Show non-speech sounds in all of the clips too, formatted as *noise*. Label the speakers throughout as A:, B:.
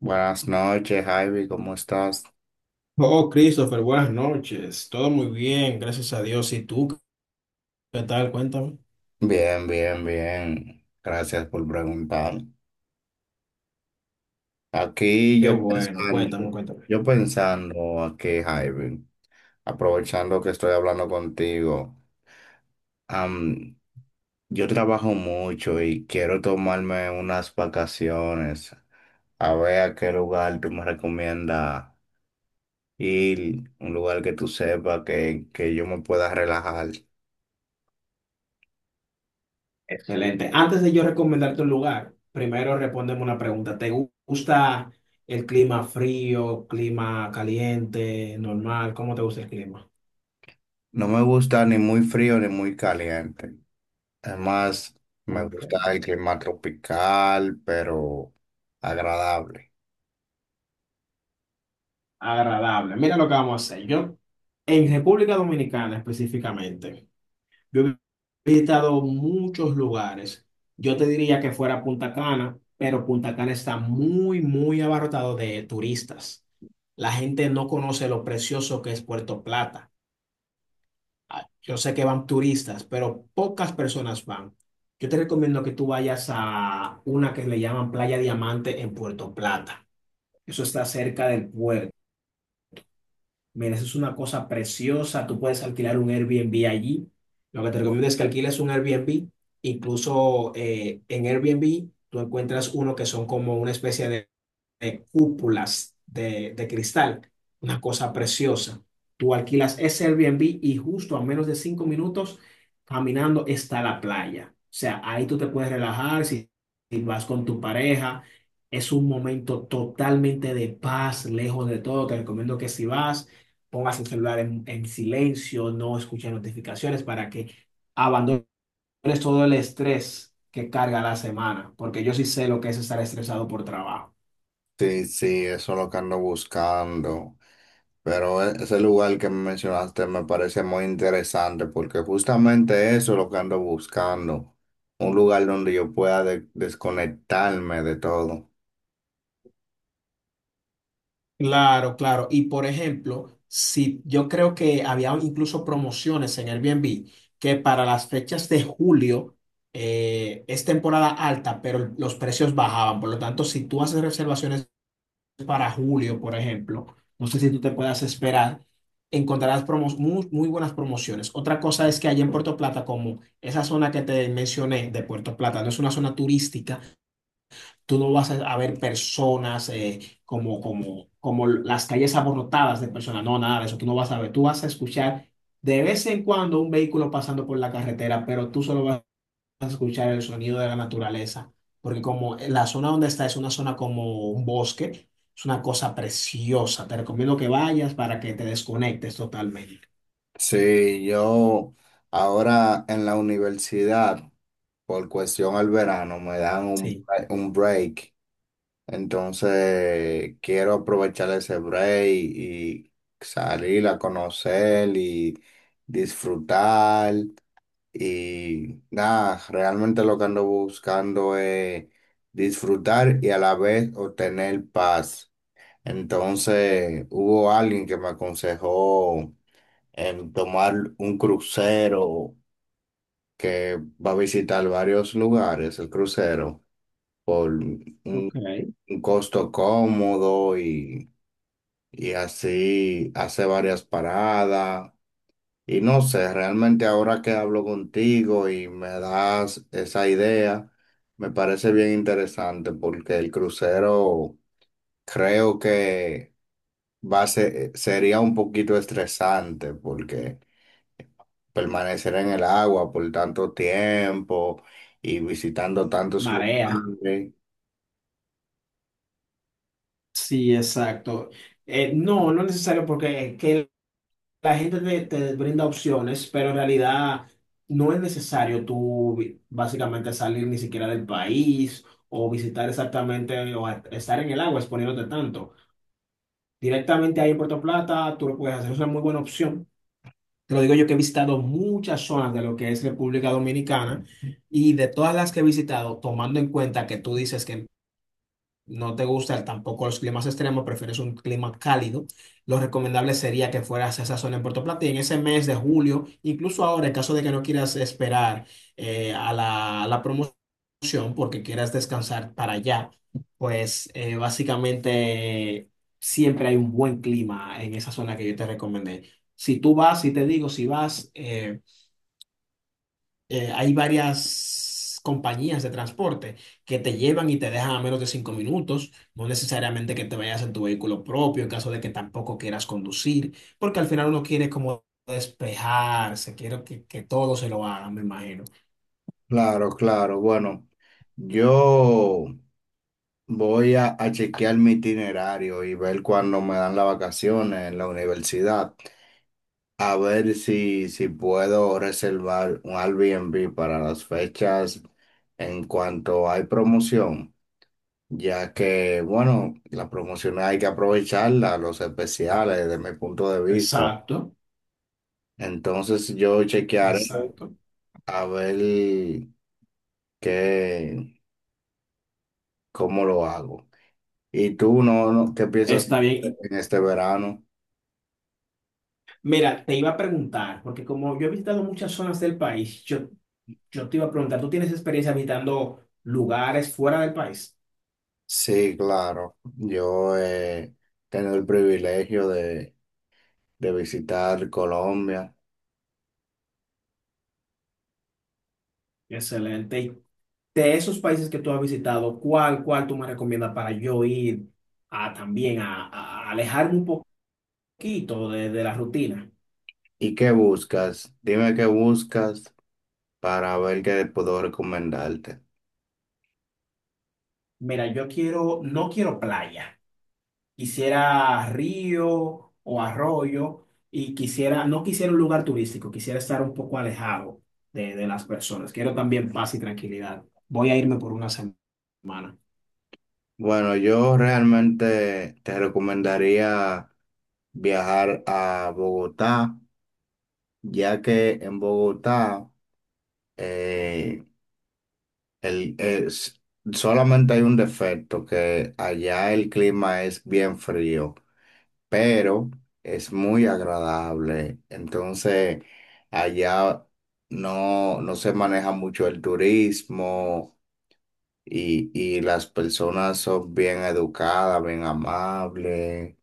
A: Buenas noches, Ivy, ¿cómo estás?
B: Oh, Christopher, buenas noches. Todo muy bien, gracias a Dios. ¿Y tú qué tal? Cuéntame.
A: Bien, bien, bien. Gracias por preguntar. Aquí
B: Qué bueno, cuéntame, cuéntame.
A: yo pensando aquí, Ivy, aprovechando que estoy hablando contigo. am, yo trabajo mucho y quiero tomarme unas vacaciones. A ver a qué lugar tú me recomiendas ir, un lugar que tú sepas que yo me pueda relajar.
B: Excelente. Antes de yo recomendarte un lugar, primero respóndeme una pregunta. ¿Te gusta el clima frío, clima caliente, normal? ¿Cómo te gusta el clima?
A: No me gusta ni muy frío ni muy caliente. Además, me gusta
B: Ok.
A: el clima tropical, pero agradable.
B: Agradable. Mira lo que vamos a hacer. Yo, en República Dominicana específicamente. Yo he visitado muchos lugares. Yo te diría que fuera Punta Cana, pero Punta Cana está muy, muy abarrotado de turistas. La gente no conoce lo precioso que es Puerto Plata. Ah, yo sé que van turistas, pero pocas personas van. Yo te recomiendo que tú vayas a una que le llaman Playa Diamante en Puerto Plata. Eso está cerca del puerto. Mira, eso es una cosa preciosa. Tú puedes alquilar un Airbnb allí. Lo que te recomiendo es que alquiles un Airbnb. Incluso en Airbnb tú encuentras uno que son como una especie de cúpulas de cristal, una cosa preciosa. Tú alquilas ese Airbnb y justo a menos de 5 minutos caminando está la playa. O sea, ahí tú te puedes relajar si, si vas con tu pareja. Es un momento totalmente de paz, lejos de todo. Te recomiendo que si vas, pongas el celular en silencio, no escuches notificaciones para que abandones todo el estrés que carga la semana, porque yo sí sé lo que es estar estresado por trabajo.
A: Sí, sí, eso es lo que ando buscando. Pero ese lugar que mencionaste me parece muy interesante porque justamente eso es lo que ando buscando. Un lugar donde yo pueda desconectarme de todo.
B: Claro, claro. Y por ejemplo, si yo creo que había incluso promociones en Airbnb que para las fechas de julio es temporada alta, pero los precios bajaban. Por lo tanto, si tú haces reservaciones para julio, por ejemplo, no sé si tú te puedas esperar, encontrarás muy, muy buenas promociones. Otra cosa es que allá en Puerto Plata, como esa zona que te mencioné de Puerto Plata, no es una zona turística. Tú no vas a ver personas como las calles abarrotadas de personas. No, nada de eso. Tú no vas a ver. Tú vas a escuchar de vez en cuando un vehículo pasando por la carretera, pero tú solo vas a escuchar el sonido de la naturaleza. Porque como la zona donde está es una zona como un bosque, es una cosa preciosa. Te recomiendo que vayas para que te desconectes totalmente.
A: Sí, yo ahora en la universidad, por cuestión al verano, me dan
B: Sí.
A: un break. Entonces, quiero aprovechar ese break y salir a conocer y disfrutar. Y nada, realmente lo que ando buscando es disfrutar y a la vez obtener paz. Entonces, hubo alguien que me aconsejó en tomar un crucero que va a visitar varios lugares, el crucero, por un
B: Ok.
A: un costo cómodo y así hace varias paradas. Y no sé, realmente ahora que hablo contigo y me das esa idea, me parece bien interesante porque el crucero creo que sería un poquito estresante porque permanecer en el agua por tanto tiempo y visitando tantos
B: Marea.
A: lugares.
B: Sí, exacto. No, no es necesario porque que la gente te, te brinda opciones, pero en realidad no es necesario básicamente salir ni siquiera del país o visitar exactamente o estar en el agua exponiéndote tanto. Directamente ahí en Puerto Plata, tú lo puedes hacer, es una muy buena opción. Te lo digo yo que he visitado muchas zonas de lo que es República Dominicana y de todas las que he visitado, tomando en cuenta que tú dices que no te gusta tampoco los climas extremos, prefieres un clima cálido, lo recomendable sería que fueras a esa zona en Puerto Plata y en ese mes de julio, incluso ahora, en caso de que no quieras esperar a la promoción porque quieras descansar para allá, pues básicamente siempre hay un buen clima en esa zona que yo te recomendé. Si tú vas, si te digo, si vas, hay varias compañías de transporte que te llevan y te dejan a menos de 5 minutos, no necesariamente que te vayas en tu vehículo propio en caso de que tampoco quieras conducir, porque al final uno quiere como despejarse, quiero que todo se lo hagan, me imagino.
A: Claro, claro. Bueno, yo. Voy a chequear mi itinerario y ver cuándo me dan las vacaciones en la universidad. A ver si puedo reservar un Airbnb para las fechas en cuanto hay promoción, ya que, bueno, las promociones hay que aprovecharlas los especiales, desde mi punto de vista.
B: Exacto,
A: Entonces yo chequearé
B: exacto.
A: a ver qué, cómo lo hago. ¿Y tú no, no, qué piensas
B: Está bien.
A: en este verano?
B: Mira, te iba a preguntar, porque como yo he visitado muchas zonas del país, yo te iba a preguntar, ¿tú tienes experiencia visitando lugares fuera del país?
A: Sí, claro. Yo he tenido el privilegio de visitar Colombia.
B: Excelente. De esos países que tú has visitado, ¿cuál, cuál tú me recomiendas para yo ir a también a alejarme un poquito de la rutina?
A: ¿Y qué buscas? Dime qué buscas para ver qué puedo recomendarte.
B: Mira, yo quiero, no quiero playa, quisiera río o arroyo y quisiera, no quisiera un lugar turístico, quisiera estar un poco alejado de las personas. Quiero también paz y tranquilidad. Voy a irme por una semana.
A: Bueno, yo realmente te recomendaría viajar a Bogotá, ya que en Bogotá eh, el- es- solamente hay un defecto, que allá el clima es bien frío, pero es muy agradable. Entonces, allá no se maneja mucho el turismo y, y las personas son bien educadas, bien amables.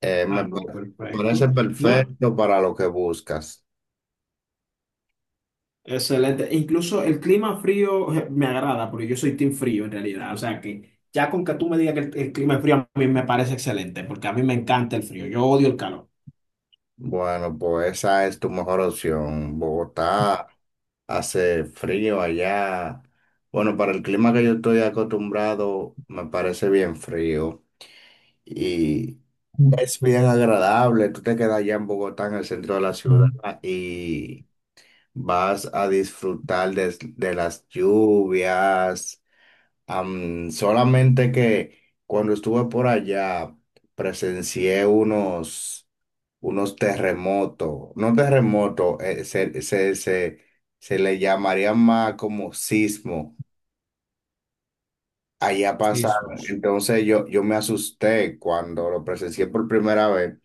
A: Eh,
B: Ah,
A: me pa-
B: no,
A: Me parece
B: perfecto. No,
A: perfecto para lo que buscas.
B: excelente. Incluso el clima frío me agrada, porque yo soy team frío en realidad. O sea que ya con que tú me digas que el clima es frío, a mí me parece excelente, porque a mí me encanta el frío. Yo odio el calor.
A: Bueno, pues esa es tu mejor opción. Bogotá hace frío allá. Bueno, para el clima que yo estoy acostumbrado, me parece bien frío. Es bien agradable, tú te quedas allá en Bogotá, en el centro de la ciudad,
B: Ujú.
A: y vas a disfrutar de las lluvias. Solamente que cuando estuve por allá, presencié unos terremotos, no terremotos, se le llamaría más como sismo. Allá pasa,
B: Sismos.
A: entonces yo me asusté cuando lo presencié por primera vez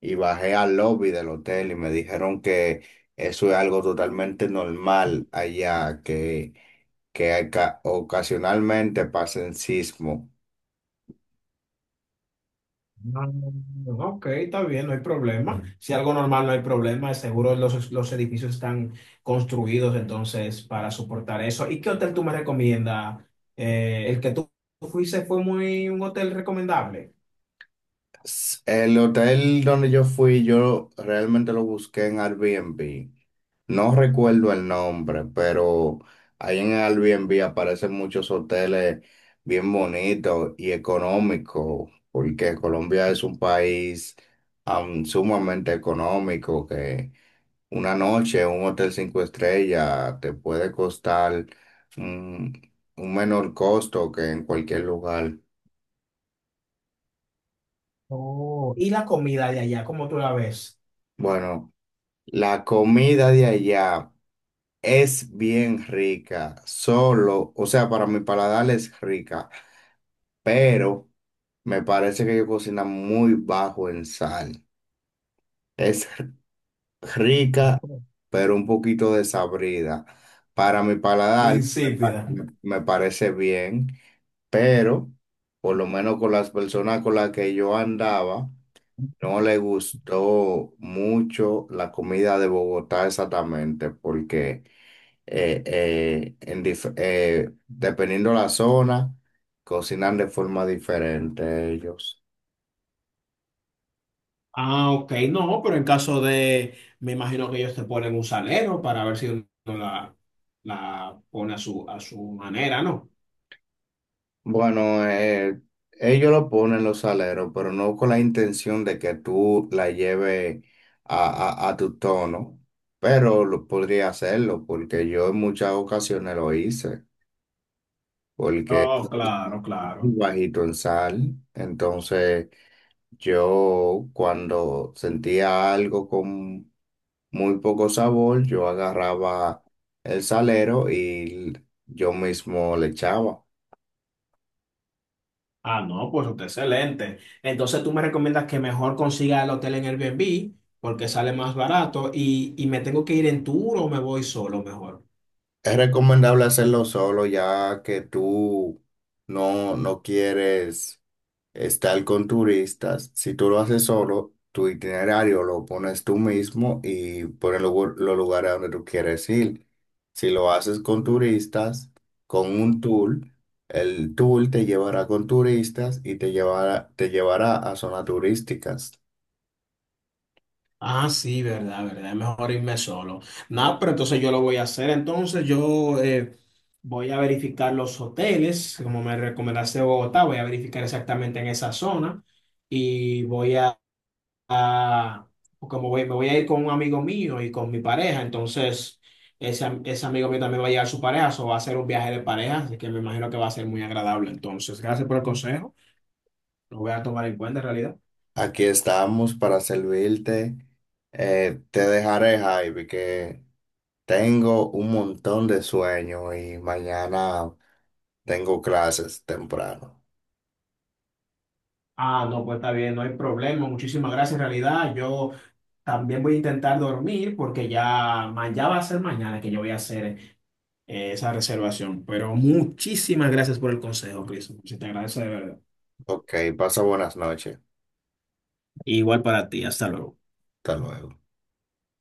A: y bajé al lobby del hotel y me dijeron que eso es algo totalmente normal allá, que ocasionalmente pasen sismo.
B: Mm, ok, está bien, no hay problema. Si algo normal no hay problema, seguro los edificios están construidos entonces para soportar eso. ¿Y qué hotel tú me recomiendas? El que tú fuiste fue muy un hotel recomendable.
A: El hotel donde yo fui, yo realmente lo busqué en Airbnb. No recuerdo el nombre, pero ahí en Airbnb aparecen muchos hoteles bien bonitos y económicos, porque Colombia es un país sumamente económico, que una noche en un hotel cinco estrellas te puede costar un, un menor costo que en cualquier lugar.
B: Oh, ¿y la comida de allá, cómo tú la ves?
A: Bueno, la comida de allá es bien rica, solo, o sea, para mi paladar es rica, pero me parece que ellos cocinan muy bajo en sal. Es *laughs* rica, pero un poquito desabrida. Para mi paladar,
B: Insípida.
A: me parece bien, pero por lo menos con las personas con las que yo andaba, no le gustó mucho la comida de Bogotá exactamente, porque dependiendo la zona, cocinan de forma diferente ellos.
B: Ah, ok, no, pero en caso de, me imagino que ellos te ponen un salero para ver si uno la, la pone a su manera, ¿no?
A: Bueno, ellos lo ponen los aleros, pero no con la intención de que tú la lleves a tu tono, pero lo podría hacerlo porque yo en muchas ocasiones lo hice, porque
B: Oh,
A: *laughs* es
B: claro,
A: muy
B: claro.
A: bajito en sal, entonces yo cuando sentía algo con muy poco sabor, yo agarraba el salero y yo mismo le echaba.
B: Ah, no, pues está excelente. Entonces tú me recomiendas que mejor consiga el hotel en Airbnb porque sale más barato y me tengo que ir en tour o me voy solo mejor.
A: Es recomendable hacerlo solo ya que tú no quieres estar con turistas. Si tú lo haces solo, tu itinerario lo pones tú mismo y pones los lugares a donde tú quieres ir. Si lo haces con turistas, con un tour, el tour te llevará con turistas y te llevará a zonas turísticas.
B: Ah, sí, verdad, verdad. Es mejor irme solo. Nada, pero entonces yo lo voy a hacer. Entonces yo voy a verificar los hoteles, como me recomendaste Bogotá, voy a verificar exactamente en esa zona y voy a, a- como voy, me voy a ir con un amigo mío y con mi pareja. Entonces ese, ese amigo mío también va a llevar su pareja, o va a ser un viaje de pareja, así que me imagino que va a ser muy agradable. Entonces, gracias por el consejo. Lo voy a tomar en cuenta en realidad.
A: Aquí estamos para servirte. Te dejaré, Javi, que... Tengo un montón de sueño y mañana tengo clases temprano.
B: Ah, no, pues está bien, no hay problema. Muchísimas gracias, en realidad. Yo también voy a intentar dormir porque ya, ya va a ser mañana que yo voy a hacer esa reservación. Pero muchísimas gracias por el consejo, Chris. Se te agradece de verdad.
A: Ok, pasa buenas noches.
B: Igual para ti. Hasta luego.
A: Hasta luego.